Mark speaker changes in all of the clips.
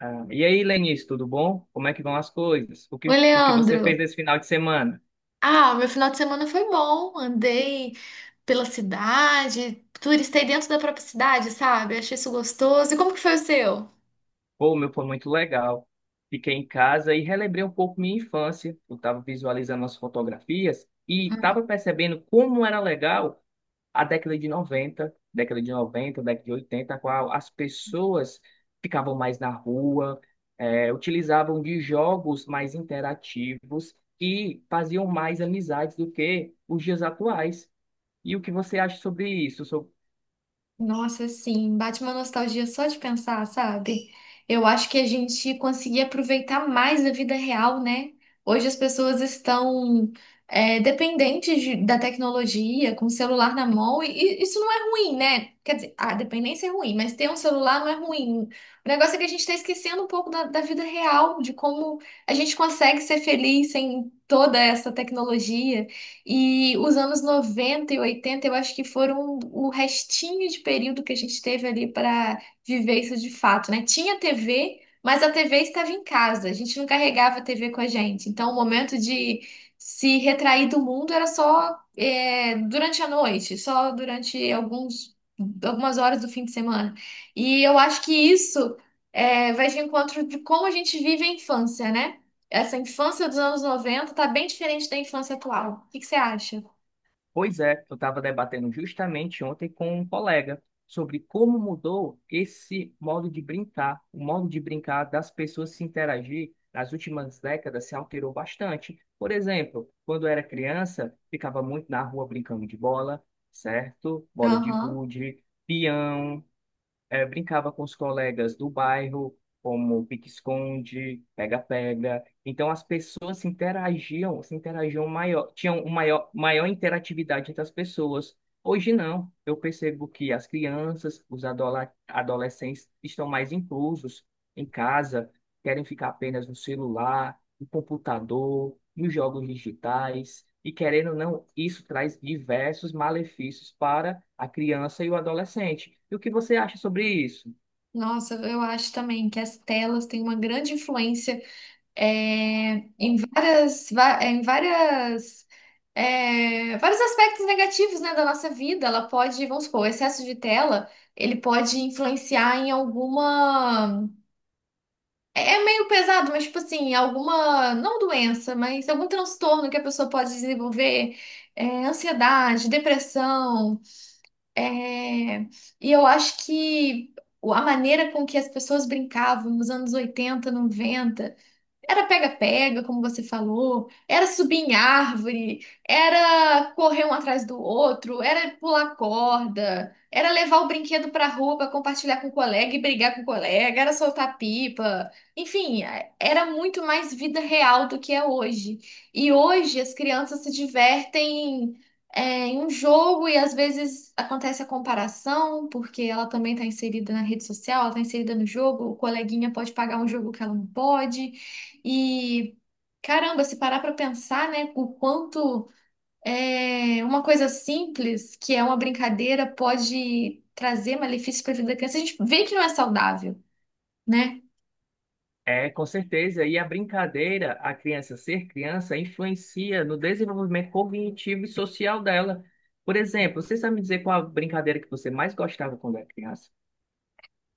Speaker 1: Ah, e aí, Lenice, tudo bom? Como é que vão as coisas? O
Speaker 2: Oi,
Speaker 1: que, o que você
Speaker 2: Leandro.
Speaker 1: fez esse final de semana?
Speaker 2: Ah, meu final de semana foi bom. Andei pela cidade, turistei dentro da própria cidade, sabe? Achei isso gostoso. E como que foi o seu?
Speaker 1: Pô, o meu, foi muito legal. Fiquei em casa e relembrei um pouco minha infância. Eu estava visualizando as fotografias e estava percebendo como era legal a década de 90, década de 80, a qual as pessoas ficavam mais na rua, utilizavam de jogos mais interativos e faziam mais amizades do que os dias atuais. E o que você acha sobre isso?
Speaker 2: Nossa, sim, bate uma nostalgia só de pensar, sabe? Eu acho que a gente conseguia aproveitar mais a vida real, né? Hoje as pessoas estão da tecnologia, com o celular na mão, e isso não é ruim, né? Quer dizer, a dependência é ruim, mas ter um celular não é ruim. O negócio é que a gente está esquecendo um pouco da vida real, de como a gente consegue ser feliz sem toda essa tecnologia. E os anos 90 e 80 eu acho que foram o restinho de período que a gente teve ali para viver isso de fato, né? Tinha TV, mas a TV estava em casa, a gente não carregava a TV com a gente. Então, o momento de se retrair do mundo era só durante a noite, só durante algumas horas do fim de semana. E eu acho que isso vai de encontro de como a gente vive a infância, né? Essa infância dos anos 90 tá bem diferente da infância atual. O que que você acha?
Speaker 1: Pois é, eu estava debatendo justamente ontem com um colega sobre como mudou esse modo de brincar. O modo de brincar das pessoas se interagir nas últimas décadas se alterou bastante. Por exemplo, quando eu era criança, ficava muito na rua brincando de bola, certo? Bola de
Speaker 2: Aham.
Speaker 1: gude, peão. Brincava com os colegas do bairro, como pique-esconde, pega-pega. Então as pessoas se interagiam maior, tinham um maior interatividade entre as pessoas. Hoje não. Eu percebo que as crianças, os adolescentes estão mais inclusos em casa, querem ficar apenas no celular o computador, e os jogos digitais, e querendo ou não, isso traz diversos malefícios para a criança e o adolescente. E o que você acha sobre isso?
Speaker 2: Nossa, eu acho também que as telas têm uma grande influência em várias, vários aspectos negativos, né, da nossa vida. Ela pode, vamos supor, o excesso de tela, ele pode influenciar em alguma... É é meio pesado, mas tipo assim, alguma, não doença, mas algum transtorno que a pessoa pode desenvolver, ansiedade, depressão, É, e eu acho que a maneira com que as pessoas brincavam nos anos 80 90 era pega-pega, como você falou, era subir em árvore, era correr um atrás do outro, era pular corda, era levar o brinquedo pra rua pra compartilhar com o colega e brigar com o colega, era soltar pipa. Enfim, era muito mais vida real do que é hoje. E hoje as crianças se divertem em um jogo e às vezes acontece a comparação, porque ela também está inserida na rede social, ela está inserida no jogo, o coleguinha pode pagar um jogo que ela não pode. E caramba, se parar para pensar, né, o quanto uma coisa simples, que é uma brincadeira, pode trazer malefícios para a vida da criança, a gente vê que não é saudável, né?
Speaker 1: É, com certeza, e a brincadeira, a criança ser criança, influencia no desenvolvimento cognitivo e social dela. Por exemplo, você sabe me dizer qual a brincadeira que você mais gostava quando era criança?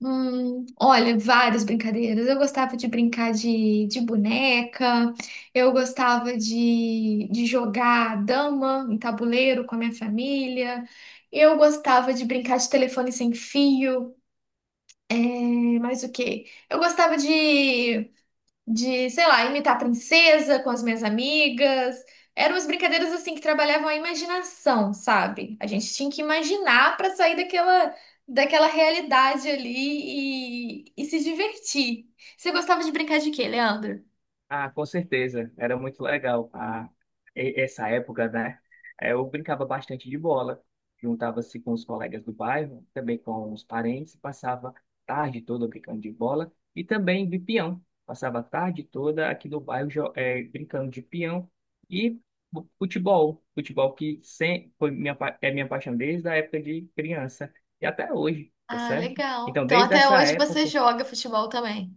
Speaker 2: Olha, várias brincadeiras. Eu gostava de brincar de boneca, eu gostava de jogar dama em tabuleiro com a minha família, eu gostava de brincar de telefone sem fio, e mais o quê? Eu gostava de sei lá, imitar a princesa com as minhas amigas. Eram umas brincadeiras assim que trabalhavam a imaginação, sabe? A gente tinha que imaginar para sair daquela realidade ali e se divertir. Você gostava de brincar de quê, Leandro?
Speaker 1: Ah, com certeza, era muito legal. Essa época, né? Eu brincava bastante de bola, juntava-se com os colegas do bairro, também com os parentes, passava a tarde toda brincando de bola e também de peão. Passava a tarde toda aqui no bairro brincando de peão e futebol, futebol que sem, foi minha, é minha paixão desde a época de criança e até hoje, tá
Speaker 2: Ah,
Speaker 1: certo?
Speaker 2: legal.
Speaker 1: Então,
Speaker 2: Então
Speaker 1: desde
Speaker 2: até
Speaker 1: essa
Speaker 2: hoje você
Speaker 1: época
Speaker 2: joga futebol também.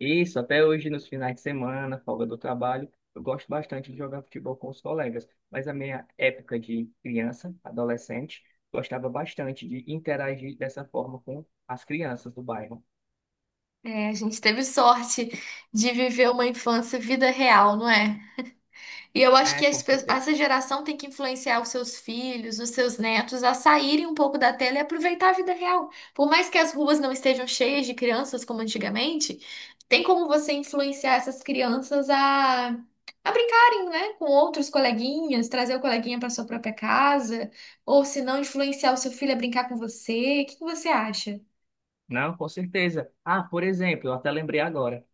Speaker 1: isso, até hoje nos finais de semana, folga do trabalho, eu gosto bastante de jogar futebol com os colegas, mas a minha época de criança, adolescente, gostava bastante de interagir dessa forma com as crianças do bairro.
Speaker 2: É, a gente teve sorte de viver uma infância vida real, não é? E eu acho
Speaker 1: É,
Speaker 2: que
Speaker 1: com certeza.
Speaker 2: essa geração tem que influenciar os seus filhos, os seus netos a saírem um pouco da tela e aproveitar a vida real. Por mais que as ruas não estejam cheias de crianças como antigamente, tem como você influenciar essas crianças a brincarem, né, com outros coleguinhas, trazer o coleguinha para sua própria casa, ou se não, influenciar o seu filho a brincar com você. O que que você acha?
Speaker 1: Não, com certeza. Ah, por exemplo, eu até lembrei agora.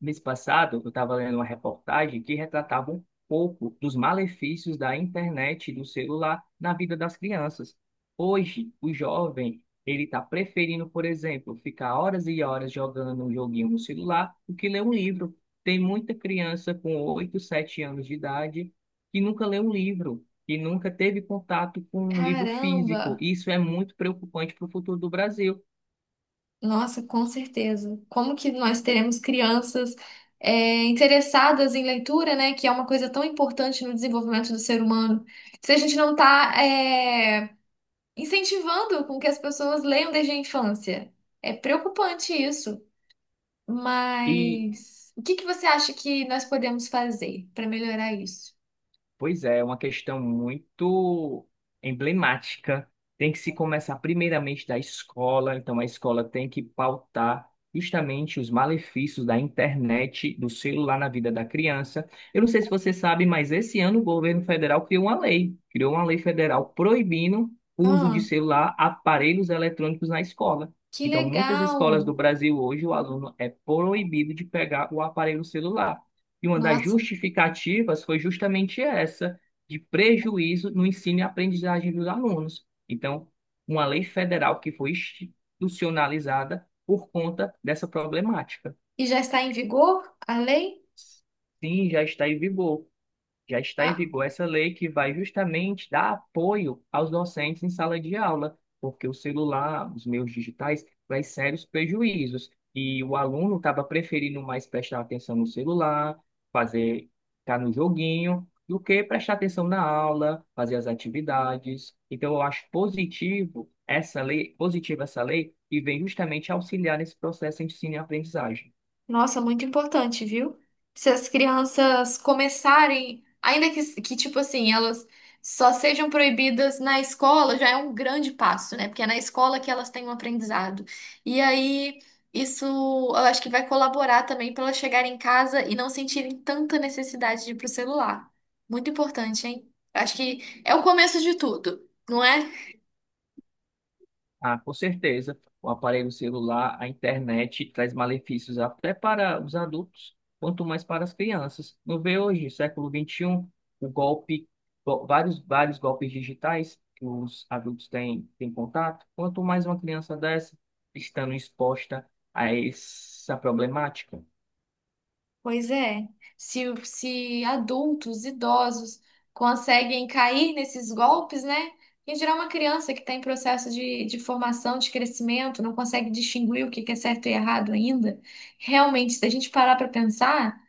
Speaker 1: Mês passado, eu estava lendo uma reportagem que retratava um pouco dos malefícios da internet e do celular na vida das crianças. Hoje, o jovem, ele está preferindo, por exemplo, ficar horas e horas jogando um joguinho no celular do que ler um livro. Tem muita criança com 8 7 anos de idade que nunca lê um livro, que nunca teve contato com um livro físico.
Speaker 2: Caramba!
Speaker 1: Isso é muito preocupante para o futuro do Brasil.
Speaker 2: Nossa, com certeza. Como que nós teremos crianças interessadas em leitura, né? Que é uma coisa tão importante no desenvolvimento do ser humano. Se a gente não está incentivando com que as pessoas leiam desde a infância. É preocupante isso.
Speaker 1: E
Speaker 2: Mas o que que você acha que nós podemos fazer para melhorar isso?
Speaker 1: Pois é, é uma questão muito emblemática. Tem que se começar primeiramente da escola, então a escola tem que pautar justamente os malefícios da internet, do celular na vida da criança. Eu não sei se você sabe, mas esse ano o governo federal criou uma lei federal proibindo o uso de
Speaker 2: Ah,
Speaker 1: celular, aparelhos eletrônicos na escola.
Speaker 2: que
Speaker 1: Então, muitas escolas do
Speaker 2: legal!
Speaker 1: Brasil hoje, o aluno é proibido de pegar o aparelho celular. E uma das
Speaker 2: Nossa.
Speaker 1: justificativas foi justamente essa, de prejuízo no ensino e aprendizagem dos alunos. Então, uma lei federal que foi institucionalizada por conta dessa problemática.
Speaker 2: E já está em vigor a lei?
Speaker 1: Sim, já está em vigor. Já está em
Speaker 2: Ah,
Speaker 1: vigor essa lei que vai justamente dar apoio aos docentes em sala de aula, porque o celular, os meios digitais, traz sérios prejuízos. E o aluno estava preferindo mais prestar atenção no celular, fazer, estar no joguinho, do que prestar atenção na aula, fazer as atividades. Então, eu acho positivo essa lei, positiva essa lei, e vem justamente auxiliar nesse processo de ensino e aprendizagem.
Speaker 2: nossa, muito importante, viu? Se as crianças começarem, ainda que tipo assim, elas só sejam proibidas na escola, já é um grande passo, né? Porque é na escola que elas têm um aprendizado. E aí, isso eu acho que vai colaborar também para elas chegarem em casa e não sentirem tanta necessidade de ir pro celular. Muito importante, hein? Acho que é o começo de tudo, não é?
Speaker 1: Ah, com certeza. O aparelho celular, a internet traz malefícios até para os adultos, quanto mais para as crianças. Não vê hoje, século XXI, o golpe, vários, vários golpes digitais que os adultos têm, têm contato. Quanto mais uma criança dessa estando exposta a essa problemática.
Speaker 2: Pois é, se adultos, idosos conseguem cair nesses golpes, né? Em geral, uma criança que está em processo de formação, de crescimento, não consegue distinguir o que que é certo e errado ainda. Realmente, se a gente parar para pensar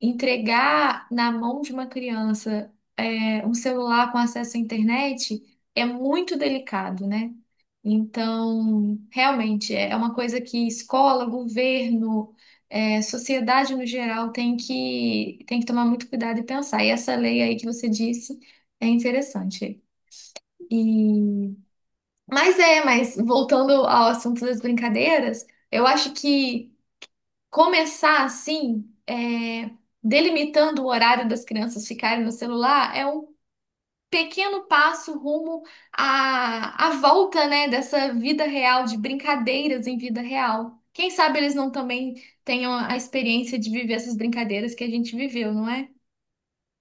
Speaker 2: entregar na mão de uma criança um celular com acesso à internet é muito delicado, né? Então, realmente, é uma coisa que escola, governo, sociedade no geral tem tem que tomar muito cuidado e pensar. E essa lei aí que você disse é interessante. E... mas voltando ao assunto das brincadeiras, eu acho que começar assim, delimitando o horário das crianças ficarem no celular, é um pequeno passo rumo à volta, né, dessa vida real, de brincadeiras em vida real. Quem sabe eles não também tenham a experiência de viver essas brincadeiras que a gente viveu, não é?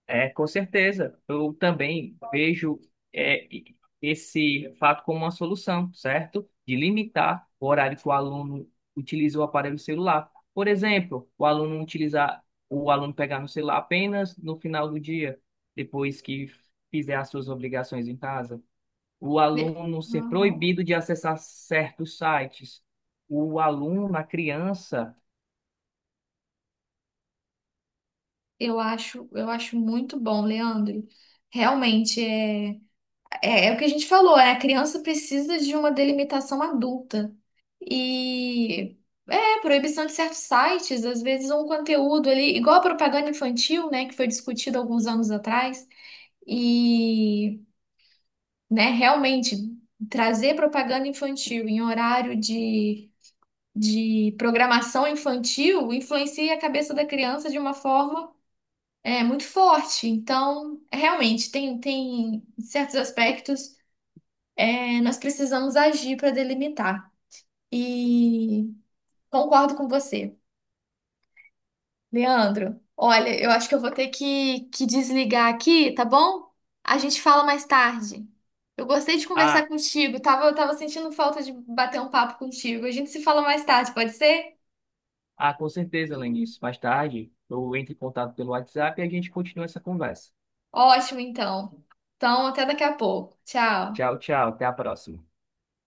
Speaker 1: É, com certeza. Eu também vejo esse fato como uma solução, certo? De limitar o horário que o aluno utiliza o aparelho celular. Por exemplo, o aluno utilizar, o aluno pegar no celular apenas no final do dia, depois que fizer as suas obrigações em casa. O
Speaker 2: E-
Speaker 1: aluno ser
Speaker 2: Uhum.
Speaker 1: proibido de acessar certos sites. O aluno, a criança,
Speaker 2: Eu acho muito bom, Leandro. Realmente é. É o que a gente falou, a criança precisa de uma delimitação adulta. E proibição de certos sites, às vezes um conteúdo ali, igual a propaganda infantil, né, que foi discutida alguns anos atrás, e, né, realmente trazer propaganda infantil em horário de programação infantil influencia a cabeça da criança de uma forma muito forte. Então, realmente, tem certos aspectos nós precisamos agir para delimitar. E concordo com você, Leandro. Olha, eu acho que eu vou ter que desligar aqui, tá bom? A gente fala mais tarde. Eu gostei de conversar contigo, eu tava sentindo falta de bater um papo contigo. A gente se fala mais tarde, pode ser?
Speaker 1: Ah, com certeza, Lenice. Mais tarde, eu entro em contato pelo WhatsApp e a gente continua essa conversa.
Speaker 2: Ótimo, então. Então, até daqui a pouco. Tchau.
Speaker 1: Tchau, tchau. Até a próxima.